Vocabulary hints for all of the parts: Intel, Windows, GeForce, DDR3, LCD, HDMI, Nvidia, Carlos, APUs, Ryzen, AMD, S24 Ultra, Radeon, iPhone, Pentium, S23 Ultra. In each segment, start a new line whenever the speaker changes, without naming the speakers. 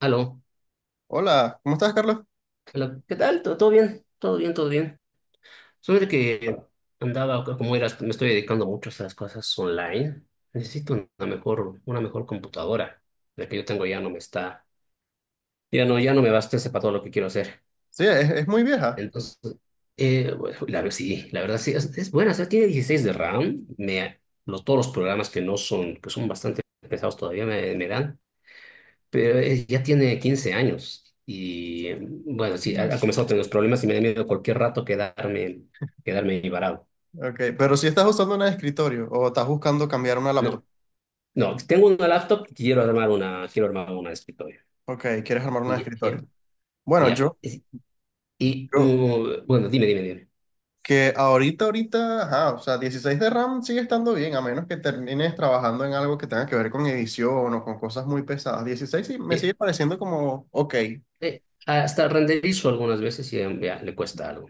Aló,
Hola, ¿cómo estás, Carlos?
hola, ¿qué tal? ¿Todo bien? Todo bien, todo bien. Solamente que andaba, como eras, me estoy dedicando mucho a las cosas online. Necesito una mejor computadora. La que yo tengo ya no me está, ya no, ya no me basta ese para todo lo que quiero hacer.
Sí, es muy vieja.
Entonces, bueno, la verdad sí, es buena. O sea, tiene 16 de RAM. Todos los programas que no son, que son bastante pesados todavía me dan. Pero ya tiene 15 años y bueno, sí, ha,
Mm,
ha
sí.
comenzado a tener los problemas y me da miedo cualquier rato quedarme ahí varado.
Ok, pero si estás usando una de escritorio o estás buscando cambiar una
No,
laptop.
no, tengo una laptop y quiero armar una de escritorio.
Ok, quieres armar una de
Y, y-
escritorio. Bueno,
ya.
yo, yo,
Bueno, dime, dime, dime.
que ahorita, ajá, o sea, 16 de RAM sigue estando bien, a menos que termines trabajando en algo que tenga que ver con edición o con cosas muy pesadas. 16 sí, me
Eh,
sigue pareciendo como, ok.
hasta renderizo algunas veces y ya le cuesta algo,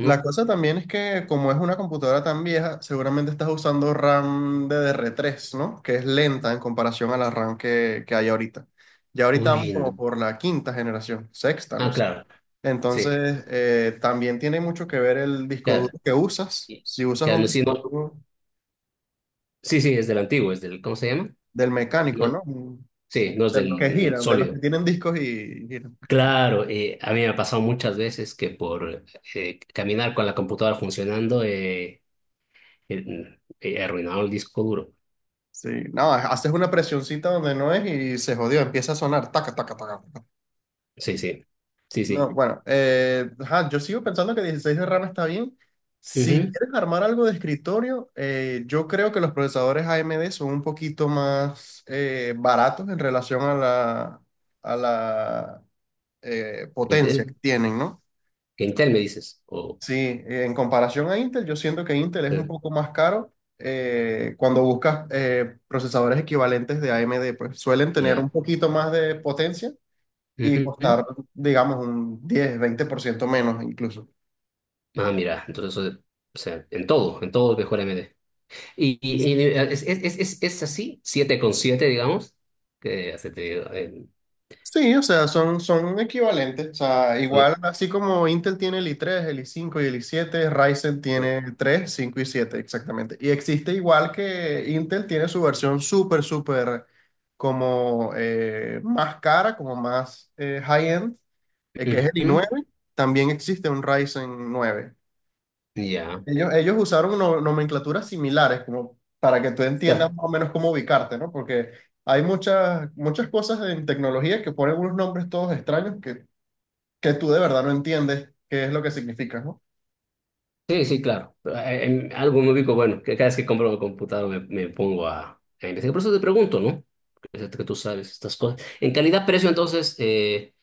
La cosa también es que como es una computadora tan vieja, seguramente estás usando RAM de DDR3, ¿no? Que es lenta en comparación a la RAM que hay ahorita. Ya ahorita vamos
Uy,
como
no.
por la quinta generación, sexta, no
Ah,
sé.
claro, sí,
Entonces, también tiene mucho que ver el disco
claro.
duro que usas.
Y-
Si usas
claro,
un
no, sí,
disco
no.
duro
Sí, sí, es del antiguo, es del, ¿cómo se llama?
del mecánico,
No,
¿no?
sí, no es
De los que
del
giran, de los que
sólido.
tienen discos y giran.
Claro, a mí me ha pasado muchas veces que por caminar con la computadora funcionando he arruinado el disco duro.
Sí, no, haces una presioncita donde no es y se jodió, empieza a sonar, taca, taca, taca.
Sí, sí, sí,
No,
sí.
bueno, ajá, yo sigo pensando que 16 de RAM está bien. Si
Ujú.
quieres armar algo de escritorio, yo creo que los procesadores AMD son un poquito más baratos en relación a la potencia que
Intel,
tienen, ¿no?
Intel me dices. O
Sí, en comparación a Intel, yo siento que Intel es
sí,
un poco más caro cuando buscas procesadores equivalentes de AMD, pues suelen tener
ya.
un poquito más de potencia y
Ujú.
costar, digamos, un 10, 20% menos incluso.
Ah, mira, entonces, o sea, en todo es mejor AMD. Y, es así, 7 con 7, digamos, que hace te digo
Sí, o sea, son equivalentes. O sea, igual, así como Intel tiene el i tres, el i cinco y el i siete, Ryzen tiene 3, 5 y 7 exactamente. Y existe igual que Intel tiene su versión súper como más cara, como más high-end, que es el i
Ujú.
nueve. También existe un Ryzen 9.
Ya.
Ellos usaron nomenclaturas similares, como para que tú entiendas
Claro,
más o menos cómo ubicarte, ¿no? Porque hay muchas cosas en tecnología que ponen unos nombres todos extraños que tú de verdad no entiendes qué es lo que significa, ¿no?
sí, sí, claro. En algo me ubico, bueno, que cada vez que compro una computadora me pongo a investigar. Por eso te pregunto, ¿no? Que sé que tú sabes estas cosas. En calidad-precio, entonces, eh,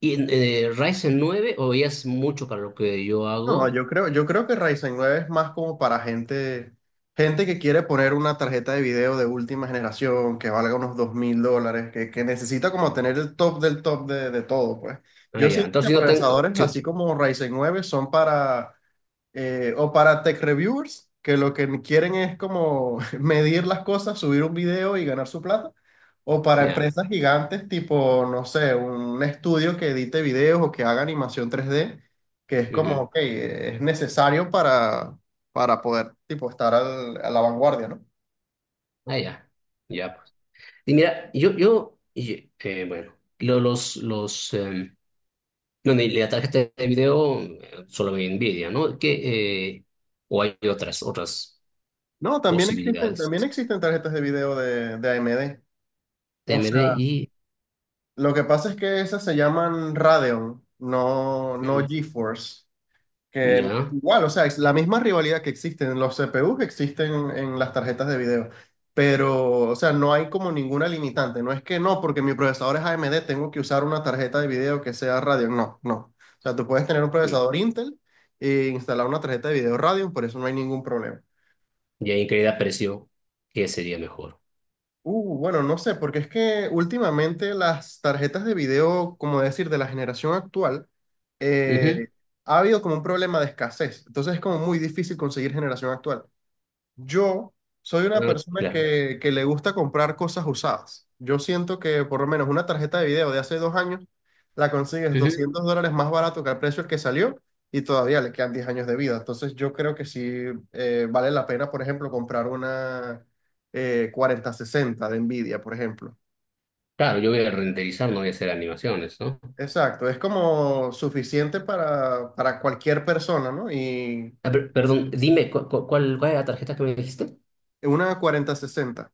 y, en- eh, Ryzen 9 o ya es mucho para lo que yo
No,
hago?
yo creo que Ryzen 9 es más como para gente que quiere poner una tarjeta de video de última generación que valga unos $2.000, que necesita como tener el top del top de todo, pues.
Ah,
Yo
ya.
siento que
Entonces, si no tengo...
procesadores así
sí,
como Ryzen 9 son para o para tech reviewers, que lo que quieren es como medir las cosas, subir un video y ganar su plata. O para
ya.
empresas gigantes tipo, no sé, un estudio que edite videos o que haga animación tres d que es como,
Ujú.
ok, es necesario para poder tipo, estar a la vanguardia, ¿no?
Ah, ya. Ya, pues. Y mira, bueno, lo- los, los, em, no, ni la tarjeta de video solo me Nvidia, ¿no? Que, o hay otras
No,
posibilidades.
también existen tarjetas de video de AMD. O
TMD
sea,
y
lo que pasa es que esas se llaman Radeon, no
mm,
GeForce. Que
ya.
igual, o sea, es la misma rivalidad que existe en los CPUs que existen en las tarjetas de video. Pero, o sea, no hay como ninguna limitante. No es que no, porque mi procesador es AMD, tengo que usar una tarjeta de video que sea Radeon. No, no. O sea, tú puedes tener un
Ujú.
procesador Intel e instalar una tarjeta de video Radeon, por eso no hay ningún problema.
Y ahí increíble apreció que sería mejor.
Bueno, no sé, porque es que últimamente las tarjetas de video, como decir, de la generación actual,
Ujú,
eh, ha habido como un problema de escasez. Entonces es como muy difícil conseguir generación actual. Yo soy una
ah,
persona
claro.
que le gusta comprar cosas usadas. Yo siento que por lo menos una tarjeta de video de hace 2 años la consigues
Ujú.
$200 más barato que el precio al que salió y todavía le quedan 10 años de vida. Entonces yo creo que sí vale la pena, por ejemplo, comprar una cuarenta sesenta de Nvidia, por ejemplo.
Claro, yo voy a renderizar, no voy a hacer animaciones, ¿no?
Exacto, es como suficiente para cualquier persona, ¿no? Y
Ah, perdón, dime, cuál, cuál es la tarjeta que me dijiste?
una cuarenta sesenta.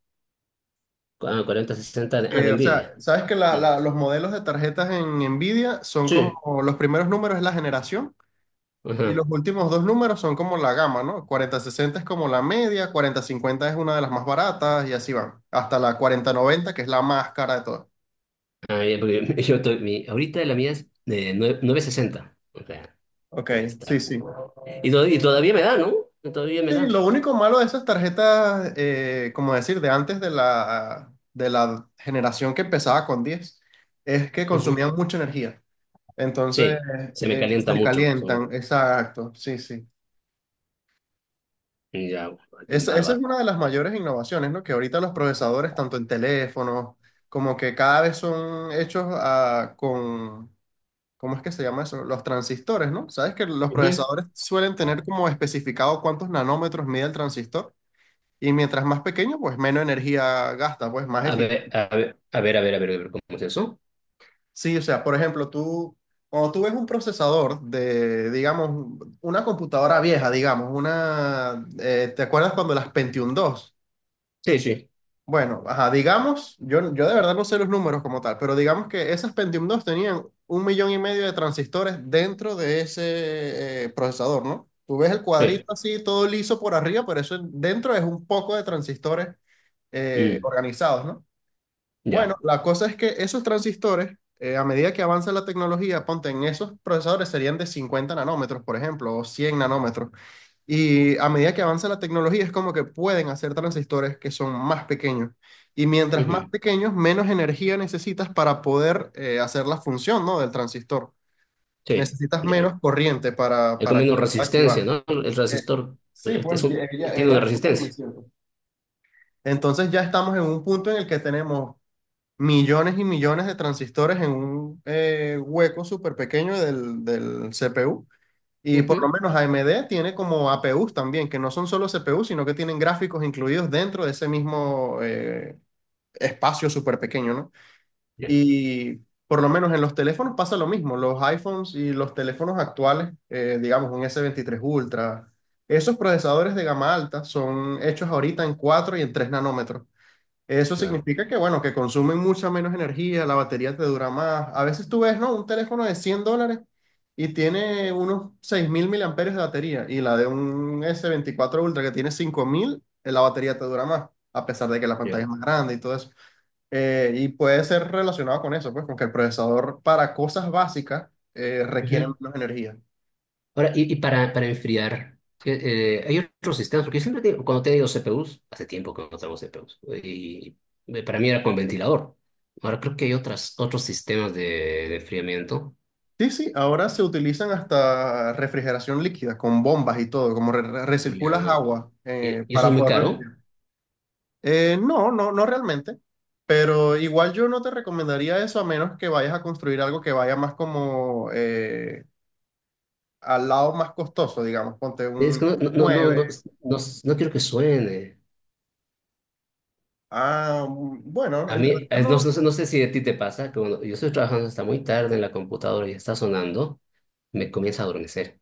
Ah, 4060 de, ah,
Que,
de
o
Nvidia.
sea, sabes que
Ujú.
los modelos de tarjetas en Nvidia son
Sí.
como los primeros números es la generación y los
Ajá.
últimos dos números son como la gama, ¿no? Cuarenta sesenta es como la media, cuarenta cincuenta es una de las más baratas y así van, hasta la cuarenta noventa que es la más cara de todas.
Ah, ya, porque ahorita la mía es de 960. O sea,
Ok,
debe
sí,
estar.
sí.
Y todavía me da, ¿no? Todavía me
Sí,
da.
lo único malo de esas tarjetas, como decir, de antes de de la generación que empezaba con 10 es que
Ujú.
consumían mucha energía. Entonces,
Sí, se me calienta
se
mucho. Soy,
calientan, exacto, sí, sí.
ya,
Esa es
bárbaro.
una de las mayores innovaciones, ¿no? Que ahorita los procesadores, tanto en teléfonos, como que cada vez son hechos con, ¿cómo es que se llama eso? Los transistores, ¿no? Sabes que los
Ujú.
procesadores suelen tener como especificado cuántos nanómetros mide el transistor y mientras más pequeño, pues menos energía gasta, pues más
A ver,
eficiente.
a ver, a ver, a ver, a ver, a ver, ¿cómo es eso?
Sí, o sea, por ejemplo, cuando tú ves un procesador de, digamos, una computadora vieja, digamos, ¿te acuerdas cuando las Pentium dos?
Sí, sí,
Bueno, ajá, digamos, yo de verdad no sé los números como tal, pero digamos que esas Pentium dos tenían un millón y medio de transistores dentro de ese procesador, ¿no? Tú ves el
sí,
cuadrito así, todo liso por arriba, pero eso dentro es un poco de transistores
mm,
organizados, ¿no? Bueno,
ya,
la cosa es que esos transistores, a medida que avanza la tecnología, ponte en esos procesadores serían de 50 nanómetros, por ejemplo, o 100 nanómetros. Y a medida que avanza la tecnología, es como que pueden hacer transistores que son más pequeños. Y mientras más
ujú,
pequeños, menos energía necesitas para poder hacer la función, ¿no? Del transistor.
sí,
Necesitas
ya.
menos corriente
Es
para
como
que
una
pueda
resistencia,
activar.
¿no? El
Eh,
resistor
sí,
eh, es
pues
un, tiene una
ella consume,
resistencia.
¿cierto? Entonces ya estamos en un punto en el que tenemos millones y millones de transistores en un hueco súper pequeño del CPU. Y por lo
Ujú,
menos AMD tiene como APUs también, que no son solo CPUs, sino que tienen gráficos incluidos dentro de ese mismo espacio súper pequeño, ¿no?
ya,
Y por lo menos en los teléfonos pasa lo mismo. Los iPhones y los teléfonos actuales, digamos un S23 Ultra, esos procesadores de gama alta son hechos ahorita en 4 y en 3 nanómetros. Eso
claro,
significa que, bueno, que consumen mucha menos energía, la batería te dura más. A veces tú ves, ¿no? Un teléfono de $100 y tiene unos 6000 miliamperios de batería y la de un s veinticuatro Ultra que tiene 5.000, la batería te dura más, a pesar de que la
ya.
pantalla es más grande y todo eso. Y puede ser relacionado con eso, pues, con que el procesador para cosas básicas requiere
Ujú.
menos energía.
Ahora, y para enfriar, ¿qué, hay otros sistemas, porque yo siempre digo, cuando he tenido CPUs, hace tiempo que no traigo CPUs, y para mí era con ventilador. Ahora creo que hay otras, otros sistemas de enfriamiento,
Sí, sí, ahora se utilizan hasta refrigeración líquida, con bombas y todo, como
y,
recirculas
ah,
agua
y y eso es
para
muy
poderlo...
caro.
No realmente. Pero igual yo no te recomendaría eso a menos que vayas a construir algo que vaya más como al lado más costoso, digamos, ponte
Es
un
que no, no, no, no,
9.
no, no quiero que suene.
Ah, mm, bueno,
A
en
mí,
realidad
no,
no.
no sé si a ti te pasa, que cuando yo estoy trabajando hasta muy tarde en la computadora y está sonando, me comienza a adormecer.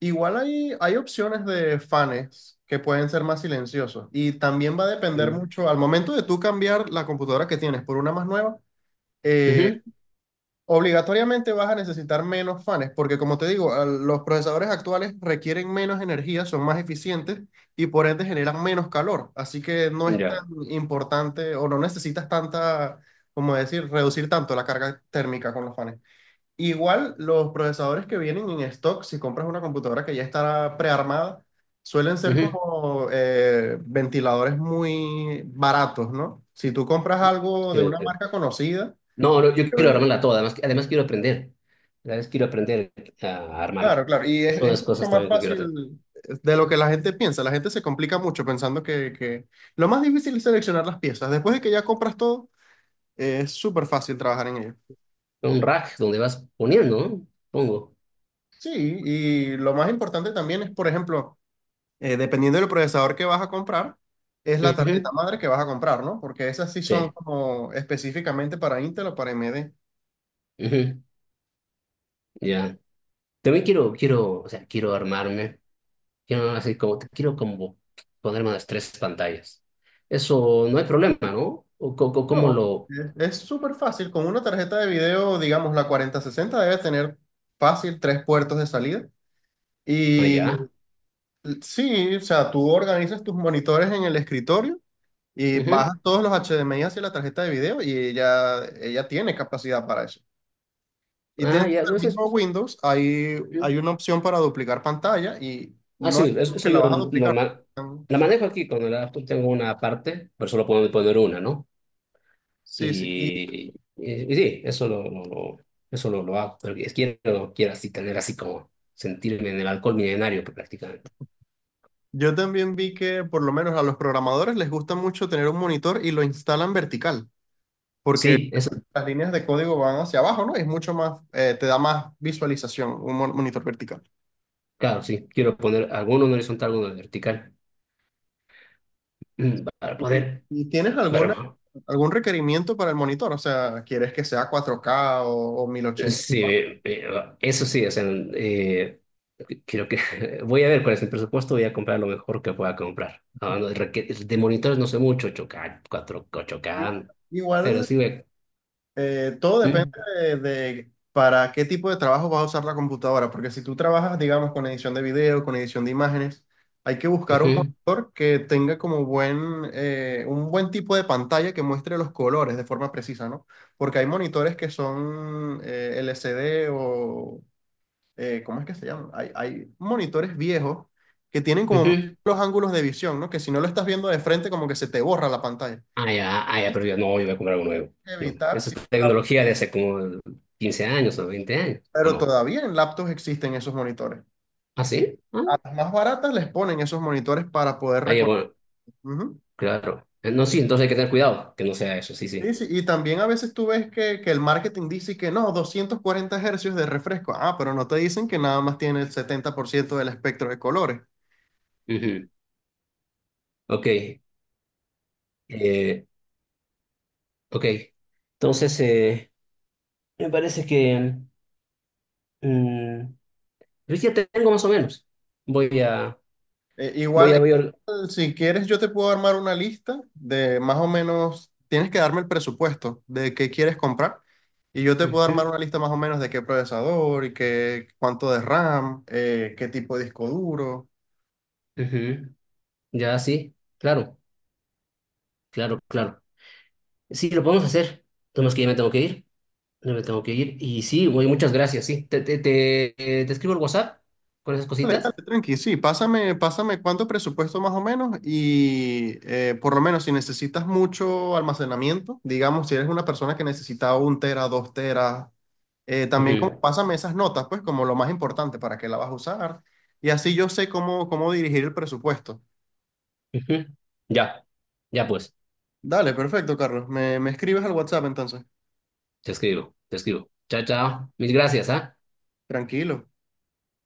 Igual hay opciones de fans que pueden ser más silenciosos y también va a depender
Mm.
mucho al momento de tú cambiar la computadora que tienes por una más nueva.
Ujú.
Obligatoriamente vas a necesitar menos fans, porque como te digo, los procesadores actuales requieren menos energía, son más eficientes y por ende generan menos calor. Así que no es tan
Ya.
importante o no necesitas tanta, como decir, reducir tanto la carga térmica con los fans. Igual los procesadores que vienen en stock, si compras una computadora que ya está prearmada, suelen ser
Ujú.
como ventiladores muy baratos, ¿no? Si tú compras algo de una
Eh,
marca conocida,
no, no, yo quiero
eh...
armarla toda, además quiero aprender. Además quiero aprender a armarla.
Claro, claro. Y
Es
es,
una de
es
las
mucho
cosas
más
también que quiero hacer.
fácil de lo que la gente piensa. La gente se complica mucho pensando que... Lo más difícil es seleccionar las piezas. Después de que ya compras todo, es súper fácil trabajar en ello.
Un rack donde vas poniendo, ¿no? Pongo.
Sí, y lo más importante también es, por ejemplo, dependiendo del procesador que vas a comprar, es la
Ujú.
tarjeta madre que vas a comprar, ¿no? Porque esas sí son
Sí.
como específicamente para Intel o para AMD.
Ujú. Ya. También quiero, o sea, quiero armarme. Quiero así como, te quiero como ponerme unas tres pantallas. Eso no hay problema, ¿no? ¿O, cómo
No,
lo...?
es súper fácil. Con una tarjeta de video, digamos, la cuarenta sesenta, debe tener fácil tres puertos de salida.
Ah,
Y...
ya.
Sí, o sea, tú organizas tus monitores en el escritorio y bajas
Ujú.
todos los HDMI hacia la tarjeta de video y ella tiene capacidad para eso. Y
Ah,
dentro
ya.
del
Entonces,
mismo Windows
ujú.
hay una opción para duplicar pantalla y
Ah,
no es
sí,
como que
eso
la
yo
vas a
lo
duplicar.
la manejo aquí con el laptop. Tengo una parte, pero solo puedo poner una, ¿no?
Sí, sí. Y
Y, sí, eso lo hago. Pero quiero así tener así como sentirme en el alcohol milenario prácticamente.
yo también vi que por lo menos a los programadores les gusta mucho tener un monitor y lo instalan vertical, porque
Sí, eso,
las líneas de código van hacia abajo, ¿no? Es mucho más, te da más visualización un monitor vertical.
claro, sí. Quiero poner alguno en horizontal, alguno en vertical. Mm, para
¿Y,
poder...
y tienes alguna,
Bueno,
algún requerimiento para el monitor? O sea, ¿quieres que sea cuatro k o 1080?
sí, eso sí, o sea, eh, creo que voy a ver cuál es el presupuesto, voy a comprar lo mejor que pueda comprar. Ah, no, de monitores no sé mucho, 8K, 4,
Igual,
8K, pero
igual,
sí voy a...
todo depende
Mm,
de para qué tipo de trabajo vas a usar la computadora, porque si tú trabajas, digamos, con edición de video, con edición de imágenes, hay que buscar un
ujú,
monitor que tenga como buen, un buen tipo de pantalla que muestre los colores de forma precisa, ¿no? Porque hay monitores que son LCD o, ¿cómo es que se llaman? Hay monitores viejos que tienen como
ujú.
los ángulos de visión, ¿no? Que si no lo estás viendo de frente, como que se te borra la pantalla.
Ah, ya, ah, ya,
Es
pero yo no, yo voy a comprar algo nuevo. No,
evitar,
eso
sí,
es tecnología de hace como 15 años o 20 años, ¿o
pero
no?
todavía en laptops existen esos monitores.
¿Ah, sí? Ah,
A las más baratas les ponen esos monitores para poder
ah, ya,
recordar.
bueno,
Ujú.
claro. No, sí, entonces hay que tener cuidado que no sea eso, sí,
Sí,
sí.
sí. Y también a veces tú ves que el marketing dice que no, 240 hercios de refresco. Ah, pero no te dicen que nada más tiene el 70% del espectro de colores.
Ujú. Ok. Eh, ok, entonces me parece que mm, pues ya tengo más o menos. Voy a,
Eh,
voy a
igual,
ver.
igual, si quieres, yo te puedo armar una lista de más o menos, tienes que darme el presupuesto de qué quieres comprar y yo te puedo armar
Ujú,
una lista más o menos de qué procesador y cuánto de RAM, qué tipo de disco duro.
ujú. Ya, sí, claro, claro, claro. Sí, lo podemos hacer. Tenemos que ya me tengo que ir. Ya me tengo que ir. Y sí, güey, muchas gracias, sí. Te escribo el WhatsApp con esas cositas.
Tranqui, sí, pásame cuánto presupuesto más o menos y por lo menos si necesitas mucho almacenamiento, digamos, si eres una persona que necesita un tera, 2 teras, también como,
Ujú,
pásame esas notas, pues como lo más importante para qué la vas a usar y así yo sé cómo, cómo dirigir el presupuesto.
ujú. Ya, ya pues,
Dale, perfecto, Carlos, me escribes al WhatsApp entonces,
te escribo, te escribo. Chao, chao. Mis gracias, ¿ah?
tranquilo.